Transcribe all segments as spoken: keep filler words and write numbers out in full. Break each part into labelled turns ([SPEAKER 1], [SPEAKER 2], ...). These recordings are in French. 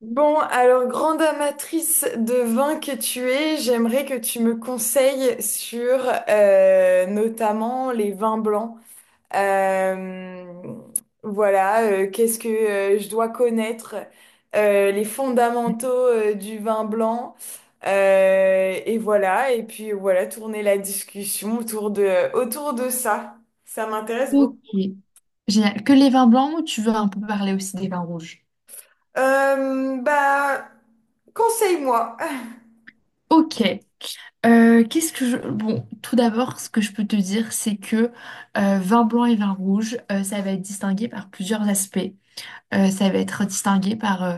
[SPEAKER 1] Bon, alors grande amatrice de vin que tu es, j'aimerais que tu me conseilles sur euh, notamment les vins blancs. Euh, voilà, euh, qu'est-ce que euh, je dois connaître, euh, les fondamentaux euh, du vin blanc. Euh, et voilà, et puis voilà, tourner la discussion autour de, autour de ça. Ça m'intéresse beaucoup.
[SPEAKER 2] Ok. Génial. Que les vins blancs ou tu veux un peu parler aussi des vins rouges?
[SPEAKER 1] Euh, bah, conseille-moi.
[SPEAKER 2] Ok. Euh, qu'est-ce que je... Bon, tout d'abord, ce que je peux te dire, c'est que euh, vin blanc et vin rouge, euh, ça va être distingué par plusieurs aspects. Euh, ça va être distingué par euh,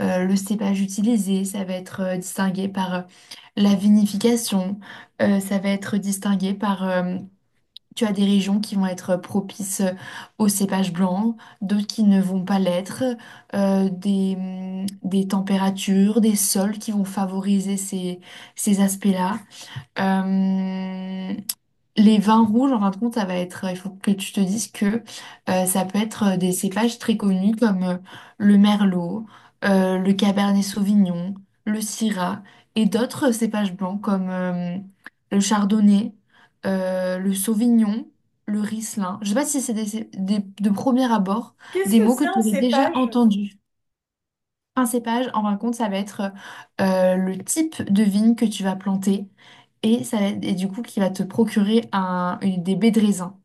[SPEAKER 2] euh, le cépage utilisé, ça va être euh, distingué par euh, la vinification, euh, ça va être distingué par euh, tu as des régions qui vont être propices euh, aux cépages blancs, d'autres qui ne vont pas l'être, euh, des, hum, des températures, des sols qui vont favoriser ces, ces aspects-là. Euh, les vins rouges, en fin de compte, ça va être, il faut que tu te dises que euh, ça peut être euh, des cépages très connus comme euh, le merlot, euh, le cabernet sauvignon, le syrah et d'autres cépages blancs comme euh, le chardonnay, euh, le sauvignon, le riesling. Je sais pas si c'est des, cé- des- de premier abord
[SPEAKER 1] Qu'est-ce
[SPEAKER 2] des
[SPEAKER 1] que
[SPEAKER 2] mots que
[SPEAKER 1] c'est un
[SPEAKER 2] tu aurais déjà
[SPEAKER 1] cépage?
[SPEAKER 2] entendus. Un cépage, en fin de compte, ça va être euh, le type de vigne que tu vas planter et, ça, va et du coup qui va te procurer un, une- des baies de raisin.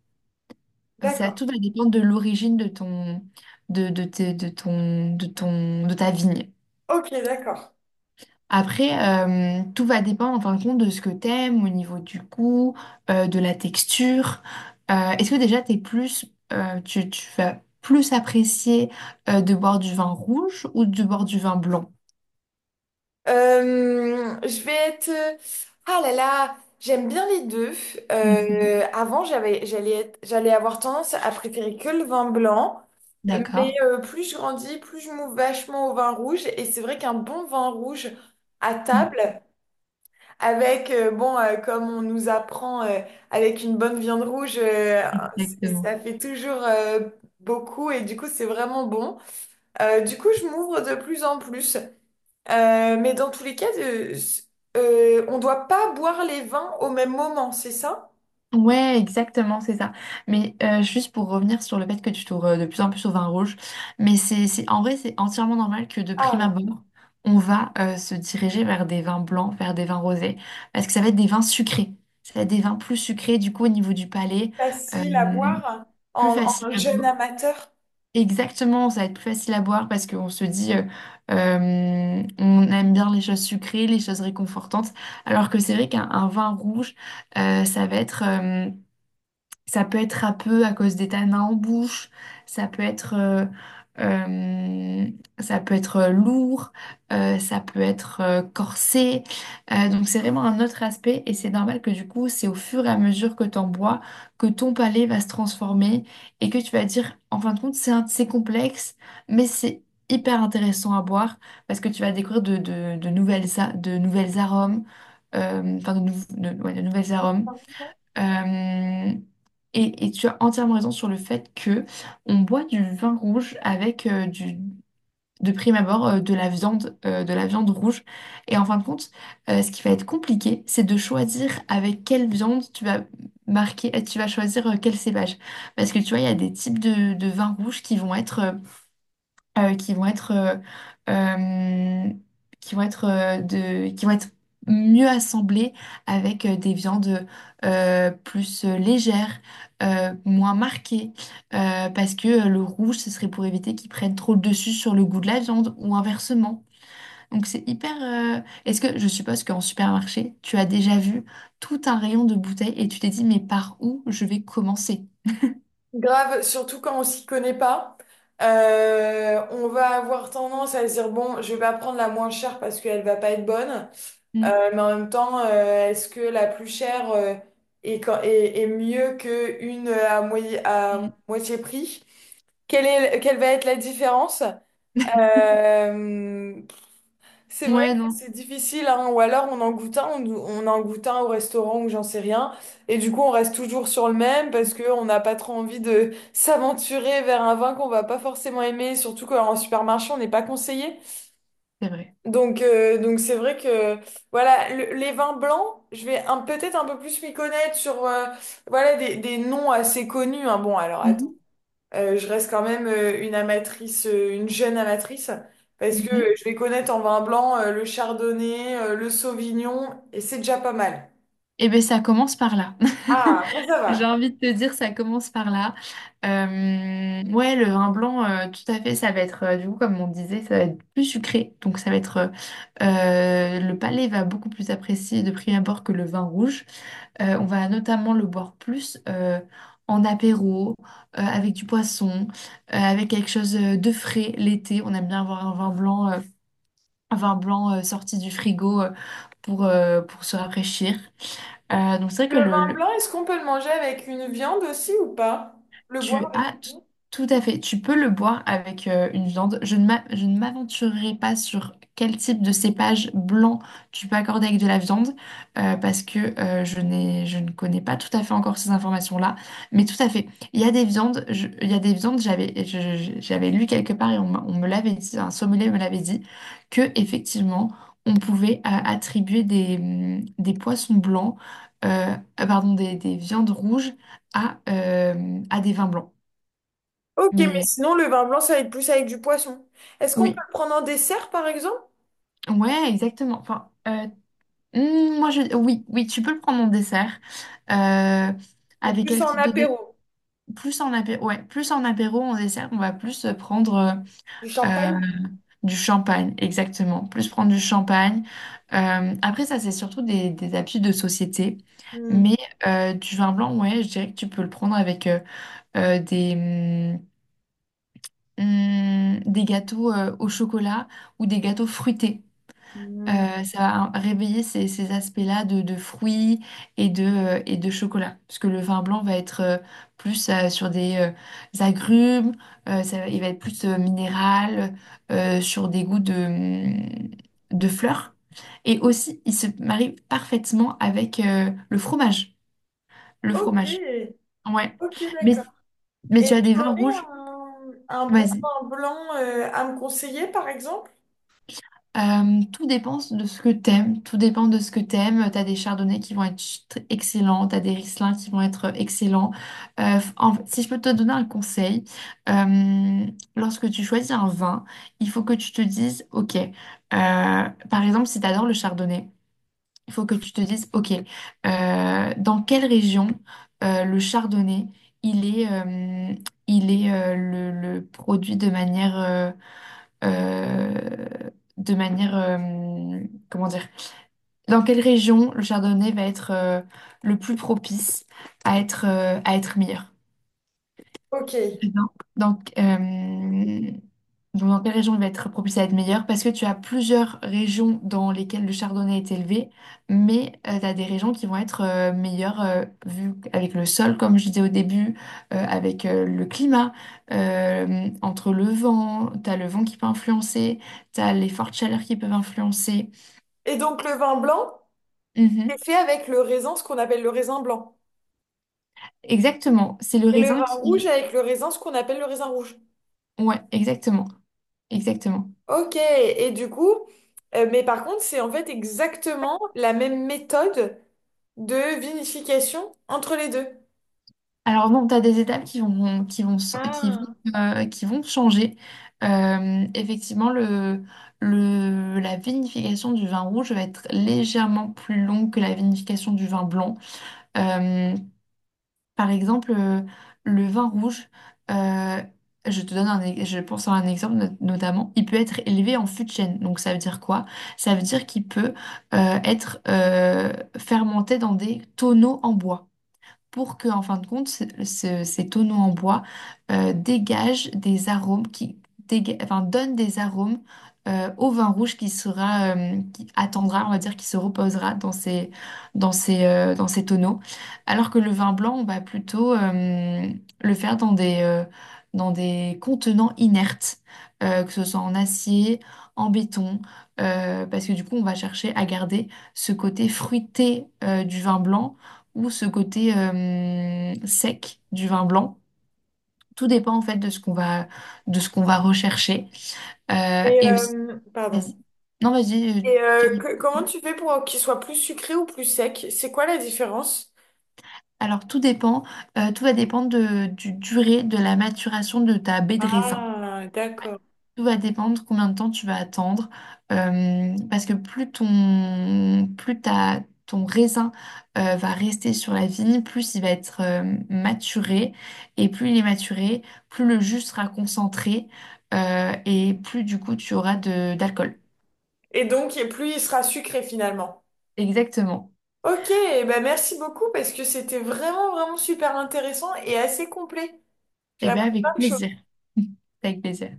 [SPEAKER 2] Ça,
[SPEAKER 1] D'accord.
[SPEAKER 2] tout va dépendre de l'origine de ton, de, de, tes- de ton, de ton, de ta vigne.
[SPEAKER 1] Ok, d'accord.
[SPEAKER 2] Après, euh, tout va dépendre en fin de compte de ce que t'aimes au niveau du goût, euh, de la texture. Euh, est-ce que déjà t'es plus, euh, tu, tu vas plus apprécier euh, de boire du vin rouge ou de boire du vin blanc?
[SPEAKER 1] Euh, je vais être... euh, Ah là là, j'aime bien les deux.
[SPEAKER 2] Mhm.
[SPEAKER 1] Euh, avant, j'avais, j'allais être- j'allais avoir tendance à préférer que le vin blanc. Mais
[SPEAKER 2] D'accord.
[SPEAKER 1] euh, plus je grandis, plus je m'ouvre vachement au vin rouge. Et c'est vrai qu'un bon vin rouge à
[SPEAKER 2] Mmh.
[SPEAKER 1] table, avec, euh, bon, euh, comme on nous apprend, euh, avec une bonne viande rouge, euh, c'est-
[SPEAKER 2] Exactement.
[SPEAKER 1] ça fait toujours euh, beaucoup. Et du coup, c'est vraiment bon. Euh, du coup, je m'ouvre de plus en plus. Euh, mais dans tous les cas, euh, s- euh, on doit pas boire les vins au même moment, c'est ça?
[SPEAKER 2] Ouais, exactement, c'est ça. Mais euh, juste pour revenir sur le fait que tu tournes euh, de plus en plus au vin rouge, mais c'est, c'est, en vrai, c'est entièrement normal que de prime
[SPEAKER 1] Ah,
[SPEAKER 2] abord, on va euh, se diriger vers des vins blancs, vers des vins rosés, parce que ça va être des vins sucrés. Ça va être des vins plus sucrés, du coup, au niveau du palais, euh,
[SPEAKER 1] facile à boire
[SPEAKER 2] plus
[SPEAKER 1] en,
[SPEAKER 2] facile
[SPEAKER 1] en
[SPEAKER 2] à
[SPEAKER 1] jeune
[SPEAKER 2] boire.
[SPEAKER 1] amateur.
[SPEAKER 2] Exactement, ça va être plus facile à boire parce qu'on se dit, euh, euh, on aime bien les choses sucrées, les choses réconfortantes, alors que c'est vrai qu'un un vin rouge, euh, ça va être euh, ça peut être râpeux à cause des tanins en bouche, ça peut être, euh, euh, ça peut être lourd, euh, ça peut être euh, corsé. Euh, donc c'est vraiment un autre aspect et c'est normal que du coup, c'est au fur et à mesure que tu en bois que ton palais va se transformer et que tu vas dire, en fin de compte, c'est un- c'est complexe, mais c'est hyper intéressant à boire parce que tu vas découvrir de, de- de nouvelles, a- de nouvelles arômes, euh, enfin de, nou- de ouais, de nouvelles arômes. Euh, et, et tu as entièrement raison sur le fait que on boit du vin rouge avec euh, du, de prime abord euh, de la viande, euh, de la viande rouge. Et en fin de compte, euh, ce qui va être compliqué, c'est de choisir avec quelle viande tu vas marquer, tu vas choisir euh, quel cépage. Parce que tu vois, il y a des types de, de vins rouges qui vont être euh, euh, qui vont être, euh, euh, qui vont être, euh, de, qui vont être mieux assemblées avec euh, des viandes euh, plus euh, légères, euh, moins marquées, euh, parce que euh, le rouge, ce serait pour éviter qu'ils prennent trop le dessus sur le goût de la viande ou inversement. Donc c'est hyper... euh, Est-ce que je suppose qu'en supermarché, tu as déjà vu tout un rayon de bouteilles et tu t'es dit, mais par où je vais commencer?
[SPEAKER 1] Grave, surtout quand on s'y connaît pas. Euh, on va avoir tendance à se dire, bon, je vais pas prendre la moins chère parce qu'elle va pas être bonne.
[SPEAKER 2] Mm,
[SPEAKER 1] Euh, mais en même temps, euh, est-ce que la plus chère euh, est, quand- est- est mieux qu'une à, moitié- à
[SPEAKER 2] mm.
[SPEAKER 1] moitié prix? Quelle est, quelle va être la différence? Euh, C'est vrai que
[SPEAKER 2] Ouais, non,
[SPEAKER 1] c'est difficile, hein. Ou alors on en goûte un, on, on en goûte un au restaurant ou j'en sais rien. Et du coup, on reste toujours sur le même parce qu'on n'a pas trop envie de s'aventurer vers un vin qu'on va pas forcément aimer, surtout qu'en supermarché, on n'est pas conseillé.
[SPEAKER 2] c'est vrai.
[SPEAKER 1] Donc, euh, donc c'est vrai que voilà, le- les vins blancs, je vais un- peut-être un peu plus m'y connaître sur euh, voilà, des, des noms assez connus, hein. Bon, alors euh, je reste quand même euh, une amatrice, euh, une jeune amatrice, parce que euh,
[SPEAKER 2] Mhm.
[SPEAKER 1] je vais connaître en vin blanc euh, le chardonnay, euh, le sauvignon, et c'est déjà pas mal.
[SPEAKER 2] Eh bien, ça commence par là.
[SPEAKER 1] Ah, bon, ça
[SPEAKER 2] J'ai
[SPEAKER 1] va.
[SPEAKER 2] envie de te dire, ça commence par là. Euh, ouais, le vin blanc, euh, tout à fait, ça va être, euh, du coup, comme on disait, ça va être plus sucré. Donc, ça va être, euh, euh, le palais va beaucoup plus apprécier de prime abord que le vin rouge. Euh, on va notamment le boire plus euh, en apéro, euh, avec du poisson, euh, avec quelque chose euh, de frais l'été. On aime bien avoir un vin blanc, euh, un vin blanc euh, sorti du frigo euh, pour, euh, pour se rafraîchir. Euh, donc c'est vrai
[SPEAKER 1] Le
[SPEAKER 2] que
[SPEAKER 1] vin
[SPEAKER 2] le,
[SPEAKER 1] blanc, est-ce qu'on peut le manger avec une viande aussi ou pas? Le
[SPEAKER 2] Tu
[SPEAKER 1] boire avec
[SPEAKER 2] as t-
[SPEAKER 1] une viande?
[SPEAKER 2] tout à fait. Tu peux le boire avec euh, une viande. Je ne m'a- je ne m'aventurerai pas sur quel type de cépage blanc tu peux accorder avec de la viande euh, parce que euh, je n'ai, je ne connais pas tout à fait encore ces informations-là. Mais tout à fait. Il y a des viandes. Je- il y a des viandes. J'avais, je- je- j'avais lu quelque part et on, m'a- on me l'avait dit. Un sommelier me l'avait dit que effectivement on pouvait euh, attribuer des, hum, des poissons blancs, euh, pardon, des des viandes rouges à, euh, à des vins blancs.
[SPEAKER 1] Ok, mais
[SPEAKER 2] Mais
[SPEAKER 1] sinon, le vin blanc, ça va être plus avec du poisson. Est-ce qu'on peut
[SPEAKER 2] oui,
[SPEAKER 1] le prendre en dessert, par exemple?
[SPEAKER 2] ouais, exactement. Enfin, euh, hmm, moi, je, oui, oui, tu peux le prendre en dessert. Euh,
[SPEAKER 1] Ou
[SPEAKER 2] avec
[SPEAKER 1] plus
[SPEAKER 2] quel
[SPEAKER 1] en
[SPEAKER 2] type de dé-
[SPEAKER 1] apéro?
[SPEAKER 2] Plus en apéro, ouais, plus en apéro, en dessert, on va plus prendre euh,
[SPEAKER 1] Du
[SPEAKER 2] euh,
[SPEAKER 1] champagne?
[SPEAKER 2] du champagne, exactement. Plus prendre du champagne. Euh, après, ça, c'est surtout des, des habitudes de société.
[SPEAKER 1] Hmm.
[SPEAKER 2] Mais euh, du vin blanc, ouais, je dirais que tu peux le prendre avec euh, euh, des, hum, hum, des gâteaux euh, au chocolat ou des gâteaux fruités.
[SPEAKER 1] Hmm.
[SPEAKER 2] Euh, ça va réveiller ces, ces aspects-là de, de fruits et de, euh, et de chocolat. Parce que le vin blanc va être euh, plus euh, sur des euh, agrumes, euh, ça va- il va être plus euh, minéral, euh, sur des goûts de, mm, de fleurs. Et aussi, il se marie parfaitement avec euh, le fromage. Le
[SPEAKER 1] Ok,
[SPEAKER 2] fromage. Ouais.
[SPEAKER 1] ok,
[SPEAKER 2] Mais,
[SPEAKER 1] d'accord.
[SPEAKER 2] mais
[SPEAKER 1] Et
[SPEAKER 2] tu as des
[SPEAKER 1] tu
[SPEAKER 2] vins
[SPEAKER 1] aurais
[SPEAKER 2] rouges.
[SPEAKER 1] un, un bon vin blanc euh, à me conseiller, par exemple?
[SPEAKER 2] Euh, tout dépend de ce que t'aimes, tout dépend de ce que t'aimes. T'as des chardonnays qui vont être ch- tr- excellents, t'as des Riesling qui vont être euh, excellents. Euh, f- en fait, si je peux te donner un conseil, euh, lorsque tu choisis un vin, il faut que tu te dises, ok, euh, par exemple, si t'adores le chardonnay, il faut que tu te dises, ok, euh, dans quelle région euh, le chardonnay, il est, euh, il est euh, le, le produit de manière euh, euh, de manière, euh, comment dire, dans quelle région le chardonnay va être euh, le plus propice à être, euh, à être meilleur.
[SPEAKER 1] Ok.
[SPEAKER 2] Très bien. Donc, euh, donc, dans quelle région il va être propice à être meilleur? Parce que tu as plusieurs régions dans lesquelles le chardonnay est élevé, mais tu as des régions qui vont être euh, meilleures euh, vu avec le sol, comme je disais au début, euh, avec euh, le climat, euh, entre le vent, tu as le vent qui peut influencer, tu as les fortes chaleurs qui peuvent influencer.
[SPEAKER 1] Et donc le vin blanc, c'est
[SPEAKER 2] Mhm.
[SPEAKER 1] fait avec le raisin, ce qu'on appelle le raisin blanc.
[SPEAKER 2] Exactement, c'est le
[SPEAKER 1] Et le
[SPEAKER 2] raisin
[SPEAKER 1] vin rouge
[SPEAKER 2] qui...
[SPEAKER 1] avec le raisin, ce qu'on appelle le raisin rouge.
[SPEAKER 2] Ouais, exactement, exactement.
[SPEAKER 1] Ok. Et du coup, euh, mais par contre, c'est en fait exactement la même méthode de vinification entre les deux.
[SPEAKER 2] Alors non, tu as des étapes qui vont, qui vont, s- qui vont,
[SPEAKER 1] Ah.
[SPEAKER 2] euh, qui vont changer. Euh, effectivement, le, le, la vinification du vin rouge va être légèrement plus longue que la vinification du vin blanc. Euh, par exemple, euh, le vin rouge, euh, je te donne un, e- je pense à un exemple not- notamment, il peut être élevé en fût de chêne. Donc ça veut dire quoi? Ça veut dire qu'il peut euh, être euh, fermenté dans des tonneaux en bois pour que, en fin de compte, ce- ce- ces tonneaux en bois euh, dégagent des arômes qui déga- enfin, donnent des arômes euh, au vin rouge qui sera, euh, qui attendra, on va dire, qui se reposera dans ces, dans ces, euh, dans ces tonneaux. Alors que le vin blanc, on va plutôt euh, le faire dans des, euh, dans des contenants inertes, euh, que ce soit en acier, en béton, euh, parce que du coup, on va chercher à garder ce côté fruité euh, du vin blanc ou ce côté euh, sec du vin blanc. Tout dépend en fait de ce qu'on va, de ce qu'on va rechercher. Euh,
[SPEAKER 1] Et
[SPEAKER 2] et aussi,
[SPEAKER 1] euh, pardon.
[SPEAKER 2] vas-y. Non, vas-y. euh,
[SPEAKER 1] Et euh,
[SPEAKER 2] Thierry.
[SPEAKER 1] que- comment tu fais pour qu'il soit plus sucré ou plus sec? C'est quoi la différence?
[SPEAKER 2] Alors, tout dépend, euh, tout va dépendre de, du durée de la maturation de ta baie de raisin.
[SPEAKER 1] Ah, d'accord.
[SPEAKER 2] Tout va dépendre combien de temps tu vas attendre, euh, parce que plus ton, plus ta, ton raisin euh, va rester sur la vigne, plus il va être euh, maturé, et plus il est maturé, plus le jus sera concentré, euh, et plus du coup tu auras de, d'alcool.
[SPEAKER 1] Et donc, et plus il sera sucré finalement.
[SPEAKER 2] Exactement.
[SPEAKER 1] Ok, eh ben merci beaucoup parce que c'était vraiment, vraiment super intéressant et assez complet. J'ai
[SPEAKER 2] Eh bien,
[SPEAKER 1] appris
[SPEAKER 2] avec
[SPEAKER 1] plein de
[SPEAKER 2] plaisir.
[SPEAKER 1] choses.
[SPEAKER 2] Avec plaisir.